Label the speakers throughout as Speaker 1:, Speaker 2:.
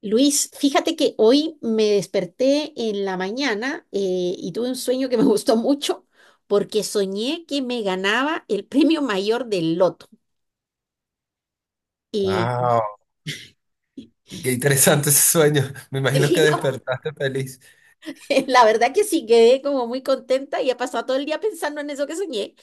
Speaker 1: Luis, fíjate que hoy me desperté en la mañana, y tuve un sueño que me gustó mucho porque soñé que me ganaba el premio mayor del loto. Y,
Speaker 2: Wow, qué interesante ese sueño. Me imagino que
Speaker 1: sí.
Speaker 2: despertaste feliz.
Speaker 1: La verdad que sí, quedé como muy contenta y he pasado todo el día pensando en eso que soñé.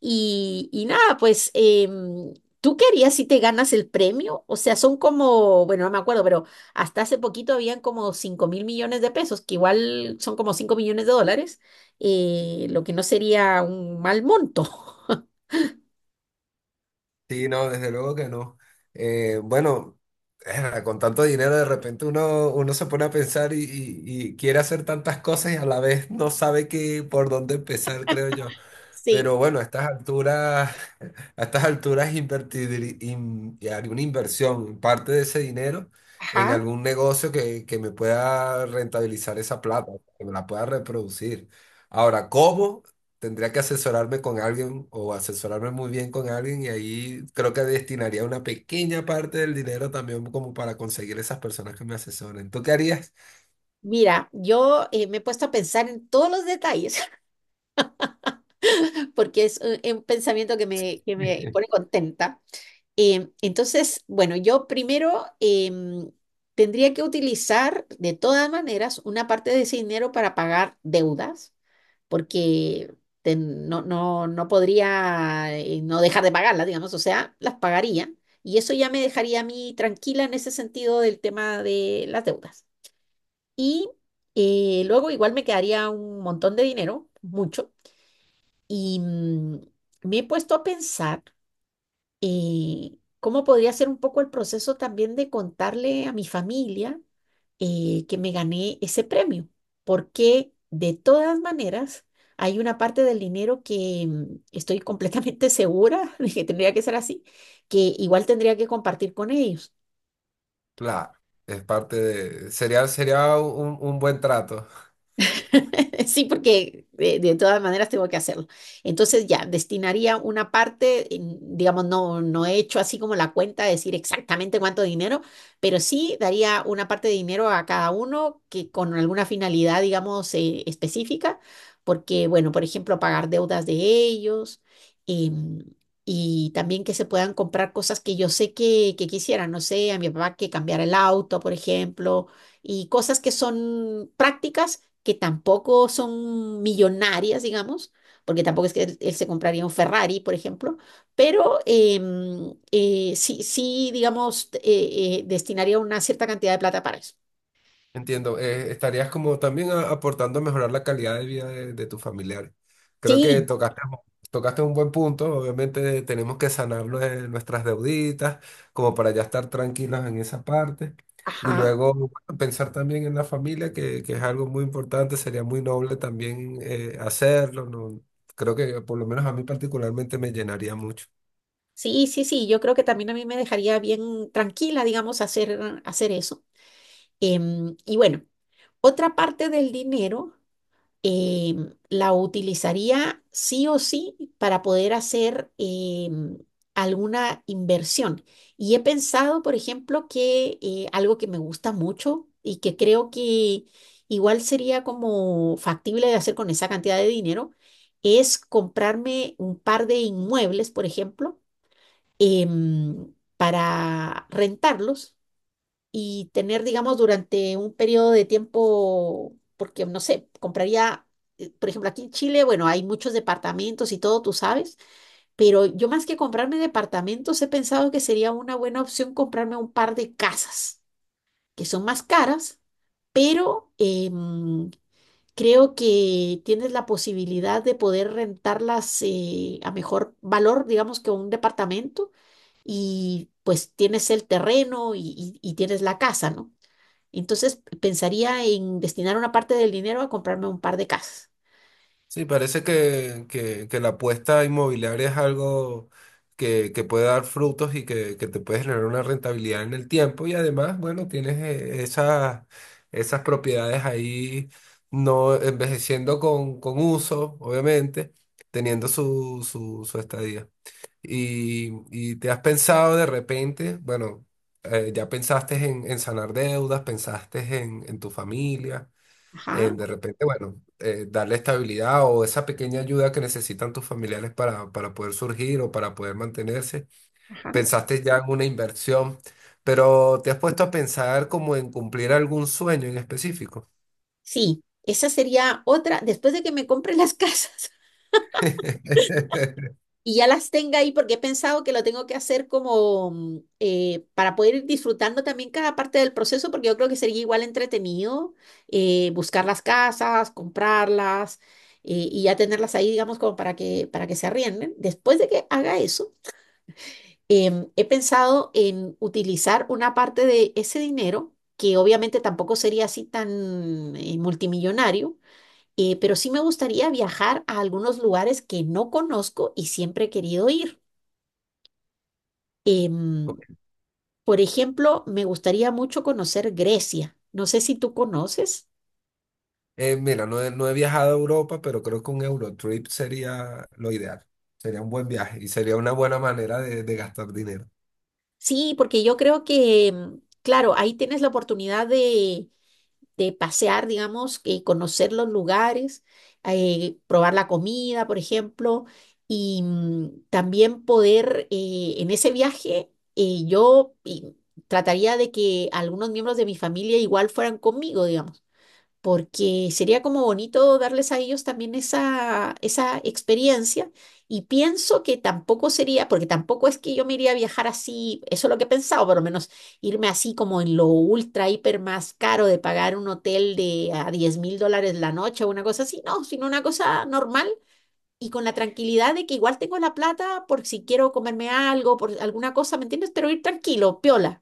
Speaker 1: Y nada, pues, ¿tú qué harías si te ganas el premio? O sea, son como, bueno, no me acuerdo, pero hasta hace poquito habían como 5.000 millones de pesos, que igual son como 5 millones de dólares, lo que no sería un mal monto.
Speaker 2: Sí, no, desde luego que no. Bueno, con tanto dinero de repente uno se pone a pensar y quiere hacer tantas cosas y a la vez no sabe qué por dónde empezar, creo yo.
Speaker 1: Sí,
Speaker 2: Pero bueno, a estas alturas, a estas alturas haré una inversión, parte de ese dinero en
Speaker 1: ajá.
Speaker 2: algún negocio que me pueda rentabilizar esa plata, que me la pueda reproducir. Ahora, ¿cómo? Tendría que asesorarme con alguien o asesorarme muy bien con alguien y ahí creo que destinaría una pequeña parte del dinero también como para conseguir esas personas que me asesoren. ¿Tú qué harías?
Speaker 1: Mira, yo, me he puesto a pensar en todos los detalles, porque es, un pensamiento que me pone contenta. Entonces, bueno, yo primero, tendría que utilizar de todas maneras una parte de ese dinero para pagar deudas, porque no, no, no podría, no dejar de pagarlas, digamos, o sea, las pagaría y eso ya me dejaría a mí tranquila en ese sentido del tema de las deudas. Y, luego igual me quedaría un montón de dinero, mucho, y me he puesto a pensar, cómo podría ser un poco el proceso también de contarle a mi familia, que me gané ese premio, porque de todas maneras hay una parte del dinero que, estoy completamente segura de que tendría que ser así, que igual tendría que compartir con ellos.
Speaker 2: Claro, es parte de, sería, sería un buen trato.
Speaker 1: Sí, porque de todas maneras tengo que hacerlo. Entonces ya, destinaría una parte, digamos, no, no he hecho así como la cuenta de decir exactamente cuánto dinero, pero sí daría una parte de dinero a cada uno que con alguna finalidad, digamos, específica, porque, bueno, por ejemplo, pagar deudas de ellos. em, Y también que se puedan comprar cosas que yo sé que quisieran, no sé, a mi papá que cambiara el auto, por ejemplo, y cosas que son prácticas que tampoco son millonarias, digamos, porque tampoco es que él se compraría un Ferrari, por ejemplo, pero sí, sí, digamos, destinaría una cierta cantidad de plata para eso.
Speaker 2: Entiendo, estarías como también aportando a mejorar la calidad de vida de tus familiares. Creo que
Speaker 1: Sí,
Speaker 2: tocaste, tocaste un buen punto. Obviamente tenemos que sanar nuestras deuditas como para ya estar tranquilos en esa parte y
Speaker 1: ajá.
Speaker 2: luego bueno, pensar también en la familia, que es algo muy importante. Sería muy noble también hacerlo, ¿no? Creo que por lo menos a mí particularmente me llenaría mucho.
Speaker 1: Sí, sí, sí, yo creo que también a mí me dejaría bien tranquila, digamos, hacer, hacer eso. Y bueno, otra parte del dinero, la utilizaría sí o sí para poder hacer, alguna inversión. Y he pensado, por ejemplo, que, algo que me gusta mucho y que creo que igual sería como factible de hacer con esa cantidad de dinero es comprarme un par de inmuebles, por ejemplo, para rentarlos y tener, digamos, durante un periodo de tiempo, porque no sé, compraría, por ejemplo, aquí en Chile, bueno, hay muchos departamentos y todo, tú sabes, pero yo más que comprarme departamentos he pensado que sería una buena opción comprarme un par de casas, que son más caras, pero, creo que tienes la posibilidad de poder rentarlas, a mejor valor, digamos, que un departamento. Y pues tienes el terreno y tienes la casa, ¿no? Entonces pensaría en destinar una parte del dinero a comprarme un par de casas.
Speaker 2: Sí, parece que la apuesta inmobiliaria es algo que puede dar frutos y que te puede generar una rentabilidad en el tiempo. Y además, bueno, tienes esas, esas propiedades ahí no envejeciendo con uso, obviamente, teniendo su estadía. Y te has pensado de repente, bueno, ya pensaste en sanar deudas, pensaste en tu familia,
Speaker 1: Ajá,
Speaker 2: de repente, bueno, darle estabilidad o esa pequeña ayuda que necesitan tus familiares para poder surgir o para poder mantenerse.
Speaker 1: ajá.
Speaker 2: Pensaste ya en una inversión, pero ¿te has puesto a pensar como en cumplir algún sueño en específico?
Speaker 1: Sí, esa sería otra, después de que me compre las casas y ya las tenga ahí, porque he pensado que lo tengo que hacer como, para poder ir disfrutando también cada parte del proceso, porque yo creo que sería igual entretenido, buscar las casas, comprarlas, y ya tenerlas ahí, digamos, como para que se arrienden. Después de que haga eso, he pensado en utilizar una parte de ese dinero, que obviamente tampoco sería así tan, multimillonario, pero sí me gustaría viajar a algunos lugares que no conozco y siempre he querido ir. Em, por ejemplo, me gustaría mucho conocer Grecia. No sé si tú conoces.
Speaker 2: Mira, no he viajado a Europa, pero creo que un Eurotrip sería lo ideal. Sería un buen viaje y sería una buena manera de gastar dinero.
Speaker 1: Sí, porque yo creo que, claro, ahí tienes la oportunidad de pasear, digamos, que conocer los lugares, probar la comida, por ejemplo, y también poder, en ese viaje, eh, yo y, trataría de que algunos miembros de mi familia igual fueran conmigo, digamos, porque sería como bonito darles a ellos también esa experiencia y pienso que tampoco sería, porque tampoco es que yo me iría a viajar así, eso es lo que he pensado, por lo menos irme así como en lo ultra, hiper más caro de pagar un hotel de a 10.000 dólares la noche o una cosa así, no, sino una cosa normal y con la tranquilidad de que igual tengo la plata por si quiero comerme algo, por alguna cosa, ¿me entiendes? Pero ir tranquilo, piola.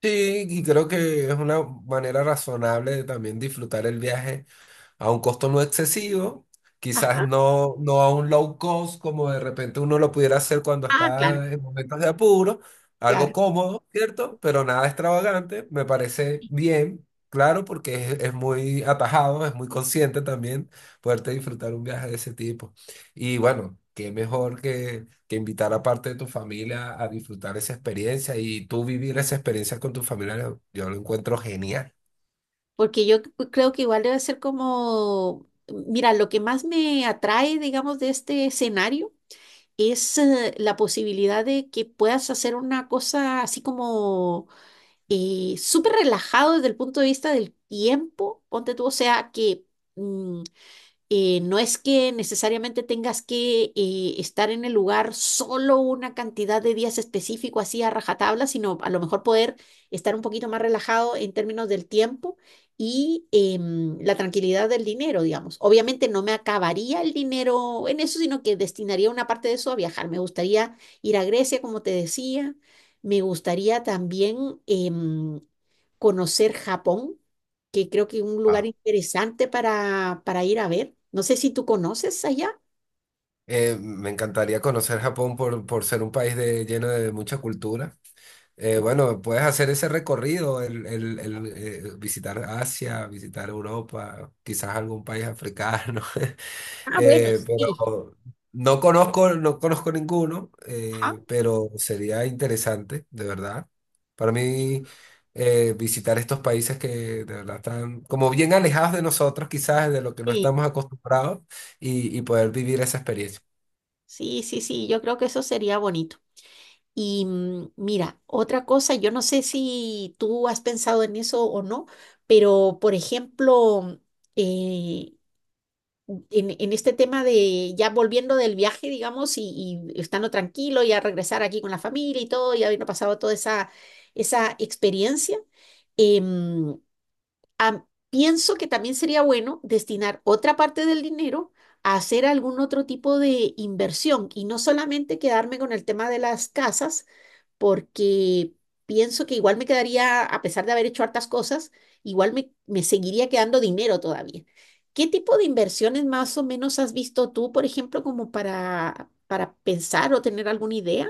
Speaker 2: Sí, y creo que es una manera razonable de también disfrutar el viaje a un costo no excesivo, quizás
Speaker 1: Ajá.
Speaker 2: no, no a un low cost como de repente uno lo pudiera hacer cuando
Speaker 1: Ah, claro,
Speaker 2: está en momentos de apuro, algo
Speaker 1: claro.
Speaker 2: cómodo, ¿cierto? Pero nada extravagante, me parece bien, claro, porque es muy atajado, es muy consciente también poderte disfrutar un viaje de ese tipo. Y bueno, qué mejor que invitar a parte de tu familia a disfrutar esa experiencia y tú vivir esa experiencia con tus familiares, yo lo encuentro genial.
Speaker 1: Porque yo creo que igual debe ser como, mira, lo que más me atrae, digamos, de este escenario es, la posibilidad de que puedas hacer una cosa así como, súper relajado desde el punto de vista del tiempo, ponte tú, o sea, que, mm, no es que necesariamente tengas que, estar en el lugar solo una cantidad de días específico así a rajatabla, sino a lo mejor poder estar un poquito más relajado en términos del tiempo y, la tranquilidad del dinero, digamos. Obviamente no me acabaría el dinero en eso, sino que destinaría una parte de eso a viajar. Me gustaría ir a Grecia, como te decía. Me gustaría también, conocer Japón, que creo que es un lugar interesante para ir a ver. No sé si tú conoces allá.
Speaker 2: Me encantaría conocer Japón por ser un país de, lleno de mucha cultura. Bueno, puedes hacer ese recorrido, visitar Asia, visitar Europa, quizás algún país africano.
Speaker 1: Ah, bueno, sí.
Speaker 2: Pero no conozco ninguno,
Speaker 1: Ajá.
Speaker 2: pero sería interesante, de verdad. Para mí, visitar estos países que de verdad están como bien alejados de nosotros, quizás de lo que no
Speaker 1: Sí,
Speaker 2: estamos acostumbrados, y poder vivir esa experiencia.
Speaker 1: sí, sí, sí, yo creo que eso sería bonito. Y mira, otra cosa, yo no sé si tú has pensado en eso o no, pero por ejemplo, eh, en este tema de ya volviendo del viaje, digamos, y estando tranquilo, ya regresar aquí con la familia y todo, y habiendo pasado toda esa, esa experiencia, em, pienso que también sería bueno destinar otra parte del dinero a hacer algún otro tipo de inversión y no solamente quedarme con el tema de las casas, porque pienso que igual me quedaría, a pesar de haber hecho hartas cosas, igual me seguiría quedando dinero todavía. ¿Qué tipo de inversiones más o menos has visto tú, por ejemplo, como para pensar o tener alguna idea?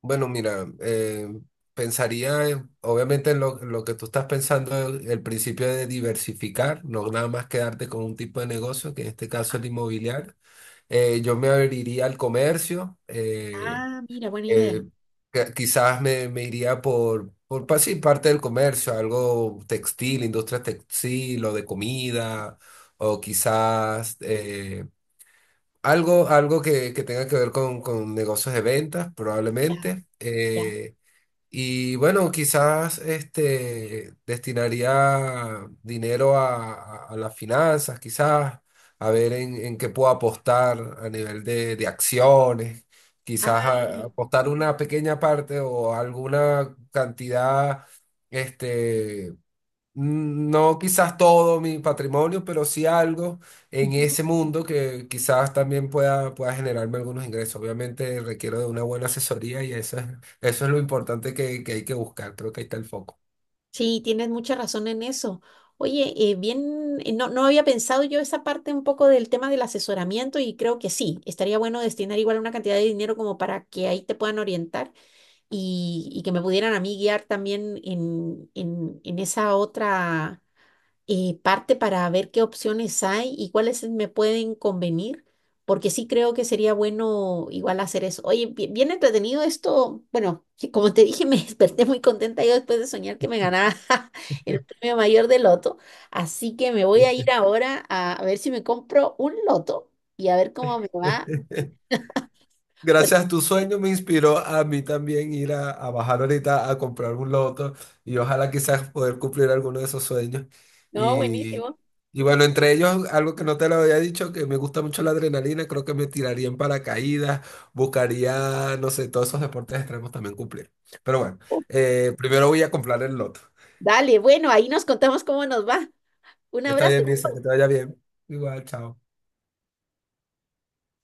Speaker 2: Bueno, mira, pensaría obviamente en lo que tú estás pensando, el principio de diversificar, no nada más quedarte con un tipo de negocio, que en este caso es el inmobiliario. Yo me abriría al comercio,
Speaker 1: Ah, mira, buena idea.
Speaker 2: eh, quizás me iría sí, parte del comercio, algo textil, industria textil o de comida, o quizás algo, algo que tenga que ver con negocios de ventas,
Speaker 1: Ya,
Speaker 2: probablemente.
Speaker 1: ya.
Speaker 2: Y bueno, quizás este, destinaría dinero a las finanzas, quizás, a ver en qué puedo apostar a nivel de acciones, quizás
Speaker 1: Ah,
Speaker 2: apostar una pequeña parte o alguna cantidad, este, mm, no quizás todo mi patrimonio, pero sí algo en
Speaker 1: ujú.
Speaker 2: ese mundo que quizás también pueda, pueda generarme algunos ingresos. Obviamente requiero de una buena asesoría eso es lo importante que hay que buscar. Creo que ahí está el foco.
Speaker 1: Sí, tienes mucha razón en eso. Oye, bien, no, no había pensado yo esa parte un poco del tema del asesoramiento y creo que sí, estaría bueno destinar igual una cantidad de dinero como para que ahí te puedan orientar y que me pudieran a mí guiar también en, en esa otra, parte para ver qué opciones hay y cuáles me pueden convenir, porque sí creo que sería bueno igual hacer eso. Oye, bien entretenido esto. Bueno, que como te dije, me desperté muy contenta yo después de soñar que me ganaba el premio mayor de loto, así que me voy a ir ahora a ver si me compro un loto y a ver cómo me va. porque-
Speaker 2: Gracias a tu sueño me inspiró a mí también ir a bajar ahorita a comprar un loto y ojalá quizás poder cumplir alguno de esos sueños.
Speaker 1: No,
Speaker 2: Y,
Speaker 1: buenísimo.
Speaker 2: y bueno, entre ellos, algo que no te lo había dicho, que me gusta mucho la adrenalina, creo que me tiraría en paracaídas, buscaría, no sé, todos esos deportes extremos también cumplir. Pero bueno,
Speaker 1: Uh,
Speaker 2: primero voy a comprar el loto.
Speaker 1: Dale, bueno, ahí nos contamos cómo nos va. Un
Speaker 2: Está
Speaker 1: abrazo.
Speaker 2: bien, Misa, que te vaya bien. Igual, chao.